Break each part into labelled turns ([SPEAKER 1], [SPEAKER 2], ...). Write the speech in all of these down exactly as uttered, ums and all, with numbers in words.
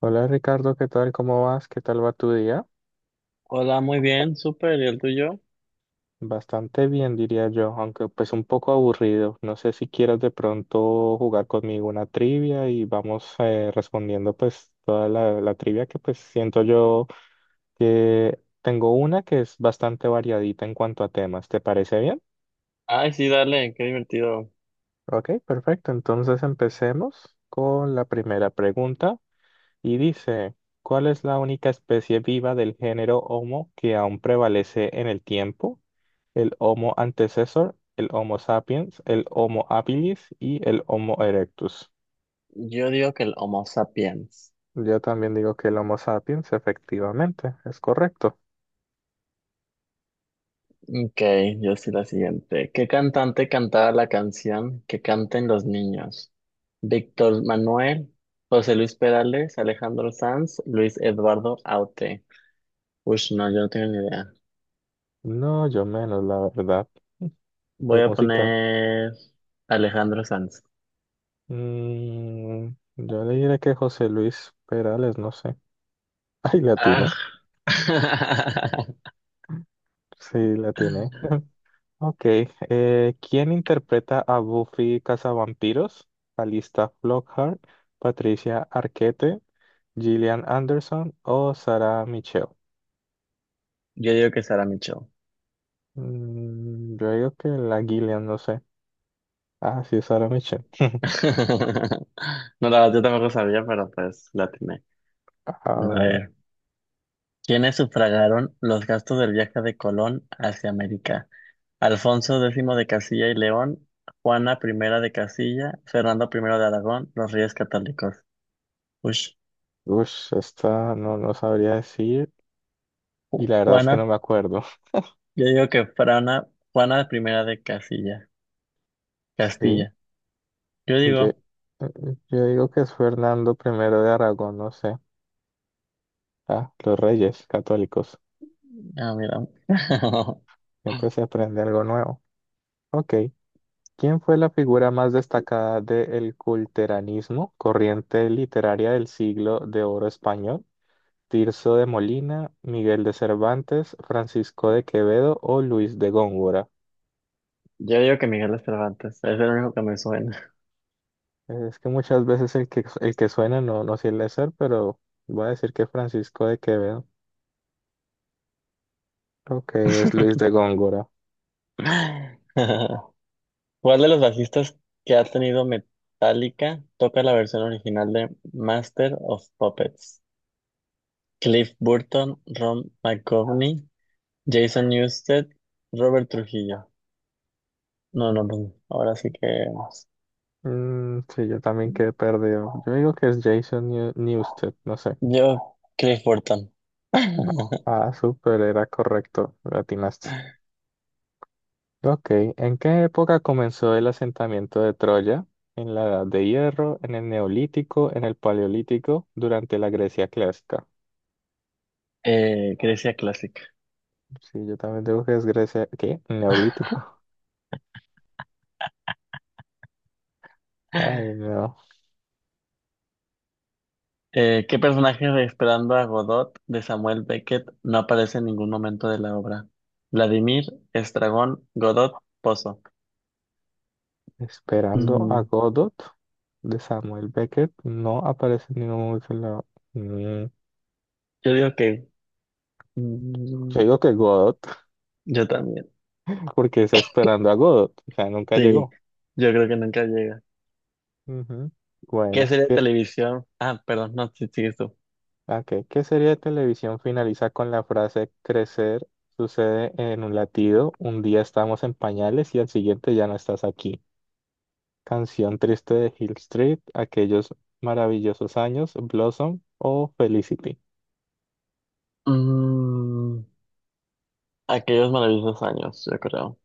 [SPEAKER 1] Hola Ricardo, ¿qué tal? ¿Cómo vas? ¿Qué tal va tu día?
[SPEAKER 2] Hola, muy bien, súper, ¿y el tuyo?
[SPEAKER 1] Bastante bien, diría yo, aunque pues un poco aburrido. No sé si quieras de pronto jugar conmigo una trivia y vamos eh, respondiendo pues toda la, la trivia que pues siento yo que tengo una que es bastante variadita en cuanto a temas. ¿Te parece bien?
[SPEAKER 2] Ay, sí, dale, qué divertido.
[SPEAKER 1] Ok, perfecto. Entonces empecemos con la primera pregunta. Y dice, ¿cuál es la única especie viva del género Homo que aún prevalece en el tiempo? El Homo antecessor, el Homo sapiens, el Homo habilis y el Homo erectus.
[SPEAKER 2] Yo digo que el Homo sapiens.
[SPEAKER 1] Yo también digo que el Homo sapiens, efectivamente, es correcto.
[SPEAKER 2] Ok, yo sí la siguiente. ¿Qué cantante cantaba la canción Que canten los niños? Víctor Manuel, José Luis Perales, Alejandro Sanz, Luis Eduardo Aute. Uy, no, yo no tengo ni idea.
[SPEAKER 1] No, yo menos, la verdad.
[SPEAKER 2] Voy
[SPEAKER 1] De
[SPEAKER 2] a
[SPEAKER 1] música.
[SPEAKER 2] poner Alejandro Sanz.
[SPEAKER 1] Mm, yo le diré que José Luis Perales, no sé. Ay, la
[SPEAKER 2] Ah.
[SPEAKER 1] tiene. Sí, la tiene. Ok, eh, ¿quién interpreta a Buffy Cazavampiros? Alista Flockhart, Patricia Arquette, Gillian Anderson o Sarah Michelle.
[SPEAKER 2] Yo digo que Sara Micho.
[SPEAKER 1] Mm, yo digo que la Gillian, no sé. Ah, sí, Sarah Michelle.
[SPEAKER 2] No, la verdad, yo tampoco sabía, pero pues la atiné.
[SPEAKER 1] Ah,
[SPEAKER 2] A
[SPEAKER 1] bueno.
[SPEAKER 2] ver, ¿quiénes sufragaron los gastos del viaje de Colón hacia América? Alfonso X de Castilla y León, Juana I de Castilla, Fernando I de Aragón, los Reyes Católicos. Ush,
[SPEAKER 1] Ush, esta no, no sabría decir
[SPEAKER 2] Ju-
[SPEAKER 1] y la verdad es
[SPEAKER 2] Juana,
[SPEAKER 1] que no me acuerdo.
[SPEAKER 2] yo digo que Frana, Juana I de Castilla,
[SPEAKER 1] Sí,
[SPEAKER 2] Castilla. Yo
[SPEAKER 1] yo,
[SPEAKER 2] digo,
[SPEAKER 1] yo digo que es Fernando primero de Aragón, no sé. Ah, los reyes católicos.
[SPEAKER 2] ah, mira.
[SPEAKER 1] Siempre se aprende algo nuevo. Ok. ¿Quién fue la figura más destacada del culteranismo, corriente literaria del siglo de oro español? ¿Tirso de Molina, Miguel de Cervantes, Francisco de Quevedo o Luis de Góngora?
[SPEAKER 2] Yo digo que Miguel de Cervantes, es el único que me suena.
[SPEAKER 1] Es que muchas veces el que, el que suena no, no suele ser, pero voy a decir que Francisco de Quevedo. Ok, es Luis de Góngora.
[SPEAKER 2] ¿Cuál de los bajistas que ha tenido Metallica toca la versión original de Master of Puppets? Cliff Burton, Ron McGovney, Jason Newsted, Robert Trujillo. No, no, pues, ahora sí que vamos.
[SPEAKER 1] Mm, sí, yo también quedé perdido. Yo digo que es Jason Neu- Newsted, no sé.
[SPEAKER 2] Yo, Cliff Burton.
[SPEAKER 1] Ah, súper, era correcto, lo atinaste. Ok, ¿en qué época comenzó el asentamiento de Troya? ¿En la Edad de Hierro, en el Neolítico, en el Paleolítico, durante la Grecia clásica?
[SPEAKER 2] eh, Grecia clásica.
[SPEAKER 1] Sí, yo también digo que es Grecia. ¿Qué? ¿Neolítico? Ay, no.
[SPEAKER 2] Eh, ¿qué personaje de Esperando a Godot de Samuel Beckett no aparece en ningún momento de la obra? Vladimir, Estragón, Godot, Pozo.
[SPEAKER 1] Esperando a
[SPEAKER 2] Mm,
[SPEAKER 1] Godot de Samuel Beckett no aparece en ningún momento en la- Mm,
[SPEAKER 2] yo digo que
[SPEAKER 1] Yo
[SPEAKER 2] Mm,
[SPEAKER 1] digo que Godot,
[SPEAKER 2] Yo también.
[SPEAKER 1] porque está esperando a Godot, o sea, nunca
[SPEAKER 2] Sí,
[SPEAKER 1] llegó.
[SPEAKER 2] yo creo que nunca llega.
[SPEAKER 1] Ujú.
[SPEAKER 2] ¿Qué
[SPEAKER 1] Bueno,
[SPEAKER 2] serie de
[SPEAKER 1] ¿qué-
[SPEAKER 2] televisión? Ah, perdón, no, sí, sigues tú.
[SPEAKER 1] Ah, Ok, ¿qué serie de televisión finaliza con la frase crecer sucede en un latido? Un día estamos en pañales y al siguiente ya no estás aquí. Canción triste de Hill Street, aquellos maravillosos años, Blossom o Felicity.
[SPEAKER 2] Mm, aquellos maravillosos años, yo creo.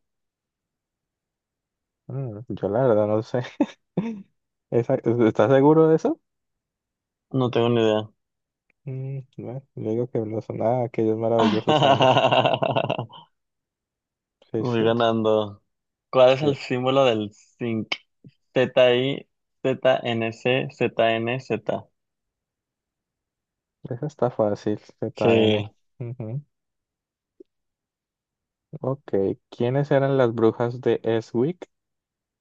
[SPEAKER 1] Mm, yo la verdad no sé. Esa- ¿estás seguro de eso?
[SPEAKER 2] No tengo ni idea.
[SPEAKER 1] Mm, bueno, yo digo que Blossom, ah, aquellos maravillosos años. Sí,
[SPEAKER 2] Voy
[SPEAKER 1] sí,
[SPEAKER 2] ganando. ¿Cuál es
[SPEAKER 1] sí.
[SPEAKER 2] el símbolo del zinc? Z-I, Z-N-C, Z-N-Z.
[SPEAKER 1] Esa está fácil, Z N.
[SPEAKER 2] Sí,
[SPEAKER 1] Ujú. Ok, ¿quiénes eran las brujas de Eswick?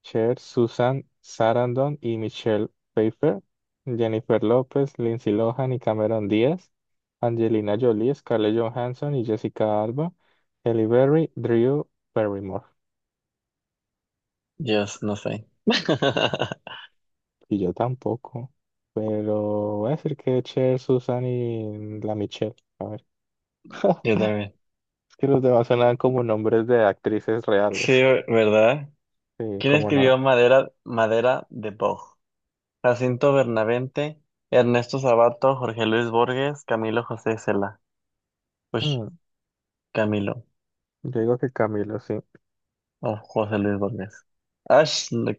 [SPEAKER 1] Cher, Susan Sarandon y Michelle Pfeiffer, Jennifer López, Lindsay Lohan y Cameron Díaz, Angelina Jolie, Scarlett Johansson y Jessica Alba, Halle Berry, Drew Barrymore.
[SPEAKER 2] Dios, no sé.
[SPEAKER 1] Y yo tampoco, pero voy a decir que Cher, Susan y la Michelle. A ver,
[SPEAKER 2] Yo también.
[SPEAKER 1] es que los demás sonaban como nombres de actrices
[SPEAKER 2] Sí,
[SPEAKER 1] reales.
[SPEAKER 2] ¿verdad?
[SPEAKER 1] Sí,
[SPEAKER 2] ¿Quién
[SPEAKER 1] como
[SPEAKER 2] escribió
[SPEAKER 1] no.
[SPEAKER 2] Madera, Madera de Boj? Jacinto Bernavente, Ernesto Sabato, Jorge Luis Borges, Camilo José Cela. Ush,
[SPEAKER 1] Mm,
[SPEAKER 2] Camilo,
[SPEAKER 1] yo digo que Camilo, sí.
[SPEAKER 2] o José Luis Borges. Ash, no,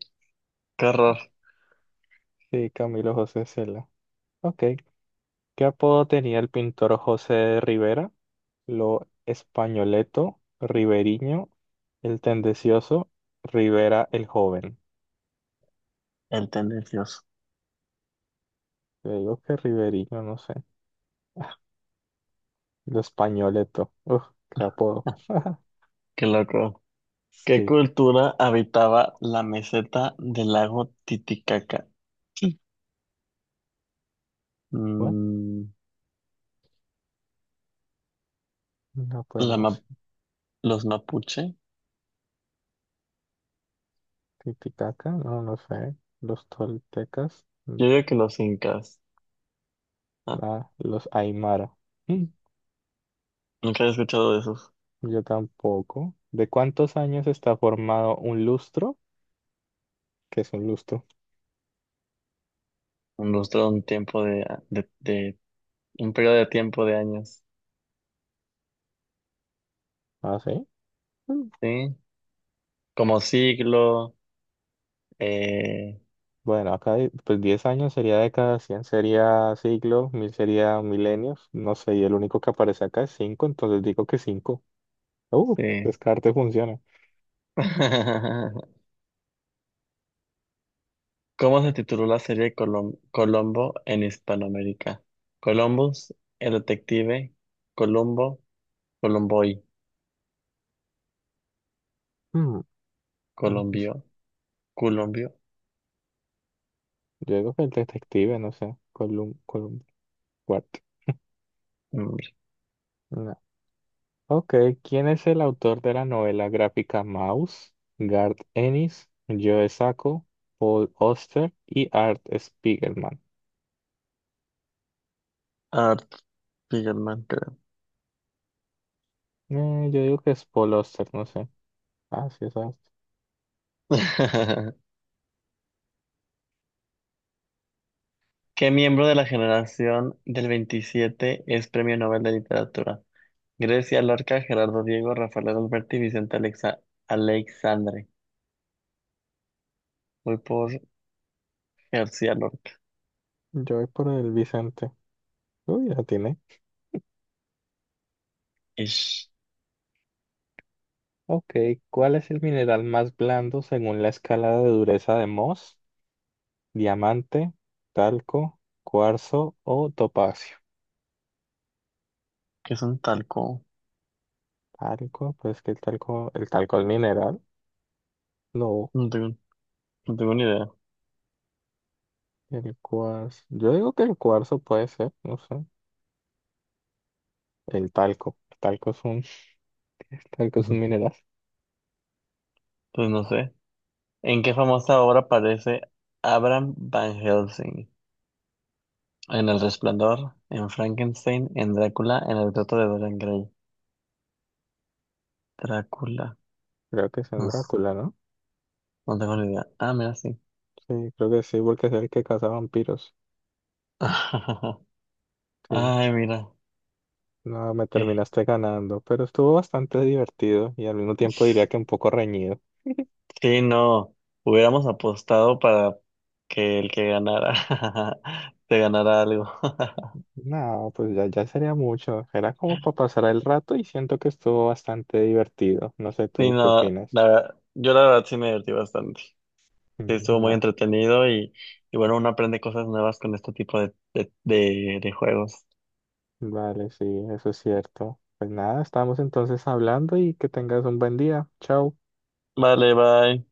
[SPEAKER 2] qué horror,
[SPEAKER 1] Sí, Camilo José Cela. Ok. ¿Qué apodo tenía el pintor José Rivera? Lo Españoleto, Riveriño, el Tendencioso, Rivera el Joven.
[SPEAKER 2] el tendencioso.
[SPEAKER 1] Te digo que Riveriño, no sé. Ah, Lo Españoleto. Uf, qué apodo.
[SPEAKER 2] Qué loco. ¿Qué
[SPEAKER 1] Sí.
[SPEAKER 2] cultura habitaba la meseta del lago Titicaca?
[SPEAKER 1] Bueno,
[SPEAKER 2] Mm,
[SPEAKER 1] no, pues
[SPEAKER 2] la
[SPEAKER 1] no
[SPEAKER 2] ma-
[SPEAKER 1] sé.
[SPEAKER 2] los mapuche.
[SPEAKER 1] Titicaca, no, no sé. Los toltecas, mm,
[SPEAKER 2] Yo digo que los incas. Ah,
[SPEAKER 1] nada. Los aymara. Mm,
[SPEAKER 2] nunca había escuchado de esos.
[SPEAKER 1] yo tampoco. ¿De cuántos años está formado un lustro? ¿Qué es un lustro?
[SPEAKER 2] Un lustro, un tiempo de, de, de- un periodo de tiempo de años.
[SPEAKER 1] Ah, sí. Mm,
[SPEAKER 2] ¿Sí? Como siglo. Eh,
[SPEAKER 1] bueno, acá hay- pues diez años sería década, cien sería siglo, mil sería milenios, no sé, y el único que aparece acá es cinco, entonces digo que cinco. Uh,
[SPEAKER 2] sí.
[SPEAKER 1] descarte funciona.
[SPEAKER 2] ¿Cómo se tituló la serie Colom- Colombo en Hispanoamérica? Columbus, el detective, Colombo, Colomboy,
[SPEAKER 1] Hmm, X.
[SPEAKER 2] Colombio, Colombio,
[SPEAKER 1] Yo digo que el detective, no sé, Colum, Colum, what?
[SPEAKER 2] hombre,
[SPEAKER 1] No. Ok, ¿quién es el autor de la novela gráfica Mouse? Garth Ennis, Joe Sacco, Paul Auster y Art Spiegelman.
[SPEAKER 2] Art Spiegelman, creo.
[SPEAKER 1] Eh, yo digo que es Paul Auster, no sé. Ah, sí, es Auster.
[SPEAKER 2] ¿Qué miembro de la generación del veintisiete es Premio Nobel de Literatura? Grecia Lorca, Gerardo Diego, Rafael Alberti, Vicente Alexa Alexandre. Voy por García Lorca.
[SPEAKER 1] Yo voy por el Vicente. Uy, ya tiene.
[SPEAKER 2] Ish,
[SPEAKER 1] Ok, ¿cuál es el mineral más blando según la escala de dureza de Mohs? ¿Diamante, talco, cuarzo o topacio?
[SPEAKER 2] ¿qué es un talco?
[SPEAKER 1] Talco, pues que el talco, el talco es mineral. No,
[SPEAKER 2] No tengo ni idea.
[SPEAKER 1] el cuarzo. Yo digo que el cuarzo puede ser, no sé. El talco. El talco es un, el talco es un
[SPEAKER 2] Ujú.
[SPEAKER 1] mineral.
[SPEAKER 2] Pues no sé. ¿En qué famosa obra aparece Abraham Van Helsing? En El Resplandor, en Frankenstein, en Drácula, en El retrato de Dorian Gray. Drácula.
[SPEAKER 1] Creo que es en
[SPEAKER 2] No, s-
[SPEAKER 1] Drácula, ¿no?
[SPEAKER 2] no tengo ni idea. Ah, mira, sí.
[SPEAKER 1] Sí, creo que sí, porque es el que caza vampiros. Sí.
[SPEAKER 2] Ay, mira.
[SPEAKER 1] No, me
[SPEAKER 2] Eh,
[SPEAKER 1] terminaste ganando, pero estuvo bastante divertido y al mismo tiempo diría que un poco reñido.
[SPEAKER 2] Sí, no. Hubiéramos apostado para que el que ganara te ganara algo.
[SPEAKER 1] No, pues ya, ya sería mucho. Era como para pasar el rato y siento que estuvo bastante divertido. No sé
[SPEAKER 2] Sí,
[SPEAKER 1] tú qué
[SPEAKER 2] no.
[SPEAKER 1] opinas.
[SPEAKER 2] La verdad, yo la verdad sí me divertí bastante. Sí, estuvo
[SPEAKER 1] Mm,
[SPEAKER 2] muy
[SPEAKER 1] ah,
[SPEAKER 2] entretenido y, y bueno, uno aprende cosas nuevas con este tipo de, de, de de juegos.
[SPEAKER 1] vale, sí, eso es cierto. Pues nada, estamos entonces hablando y que tengas un buen día. Chao.
[SPEAKER 2] Vale, bye.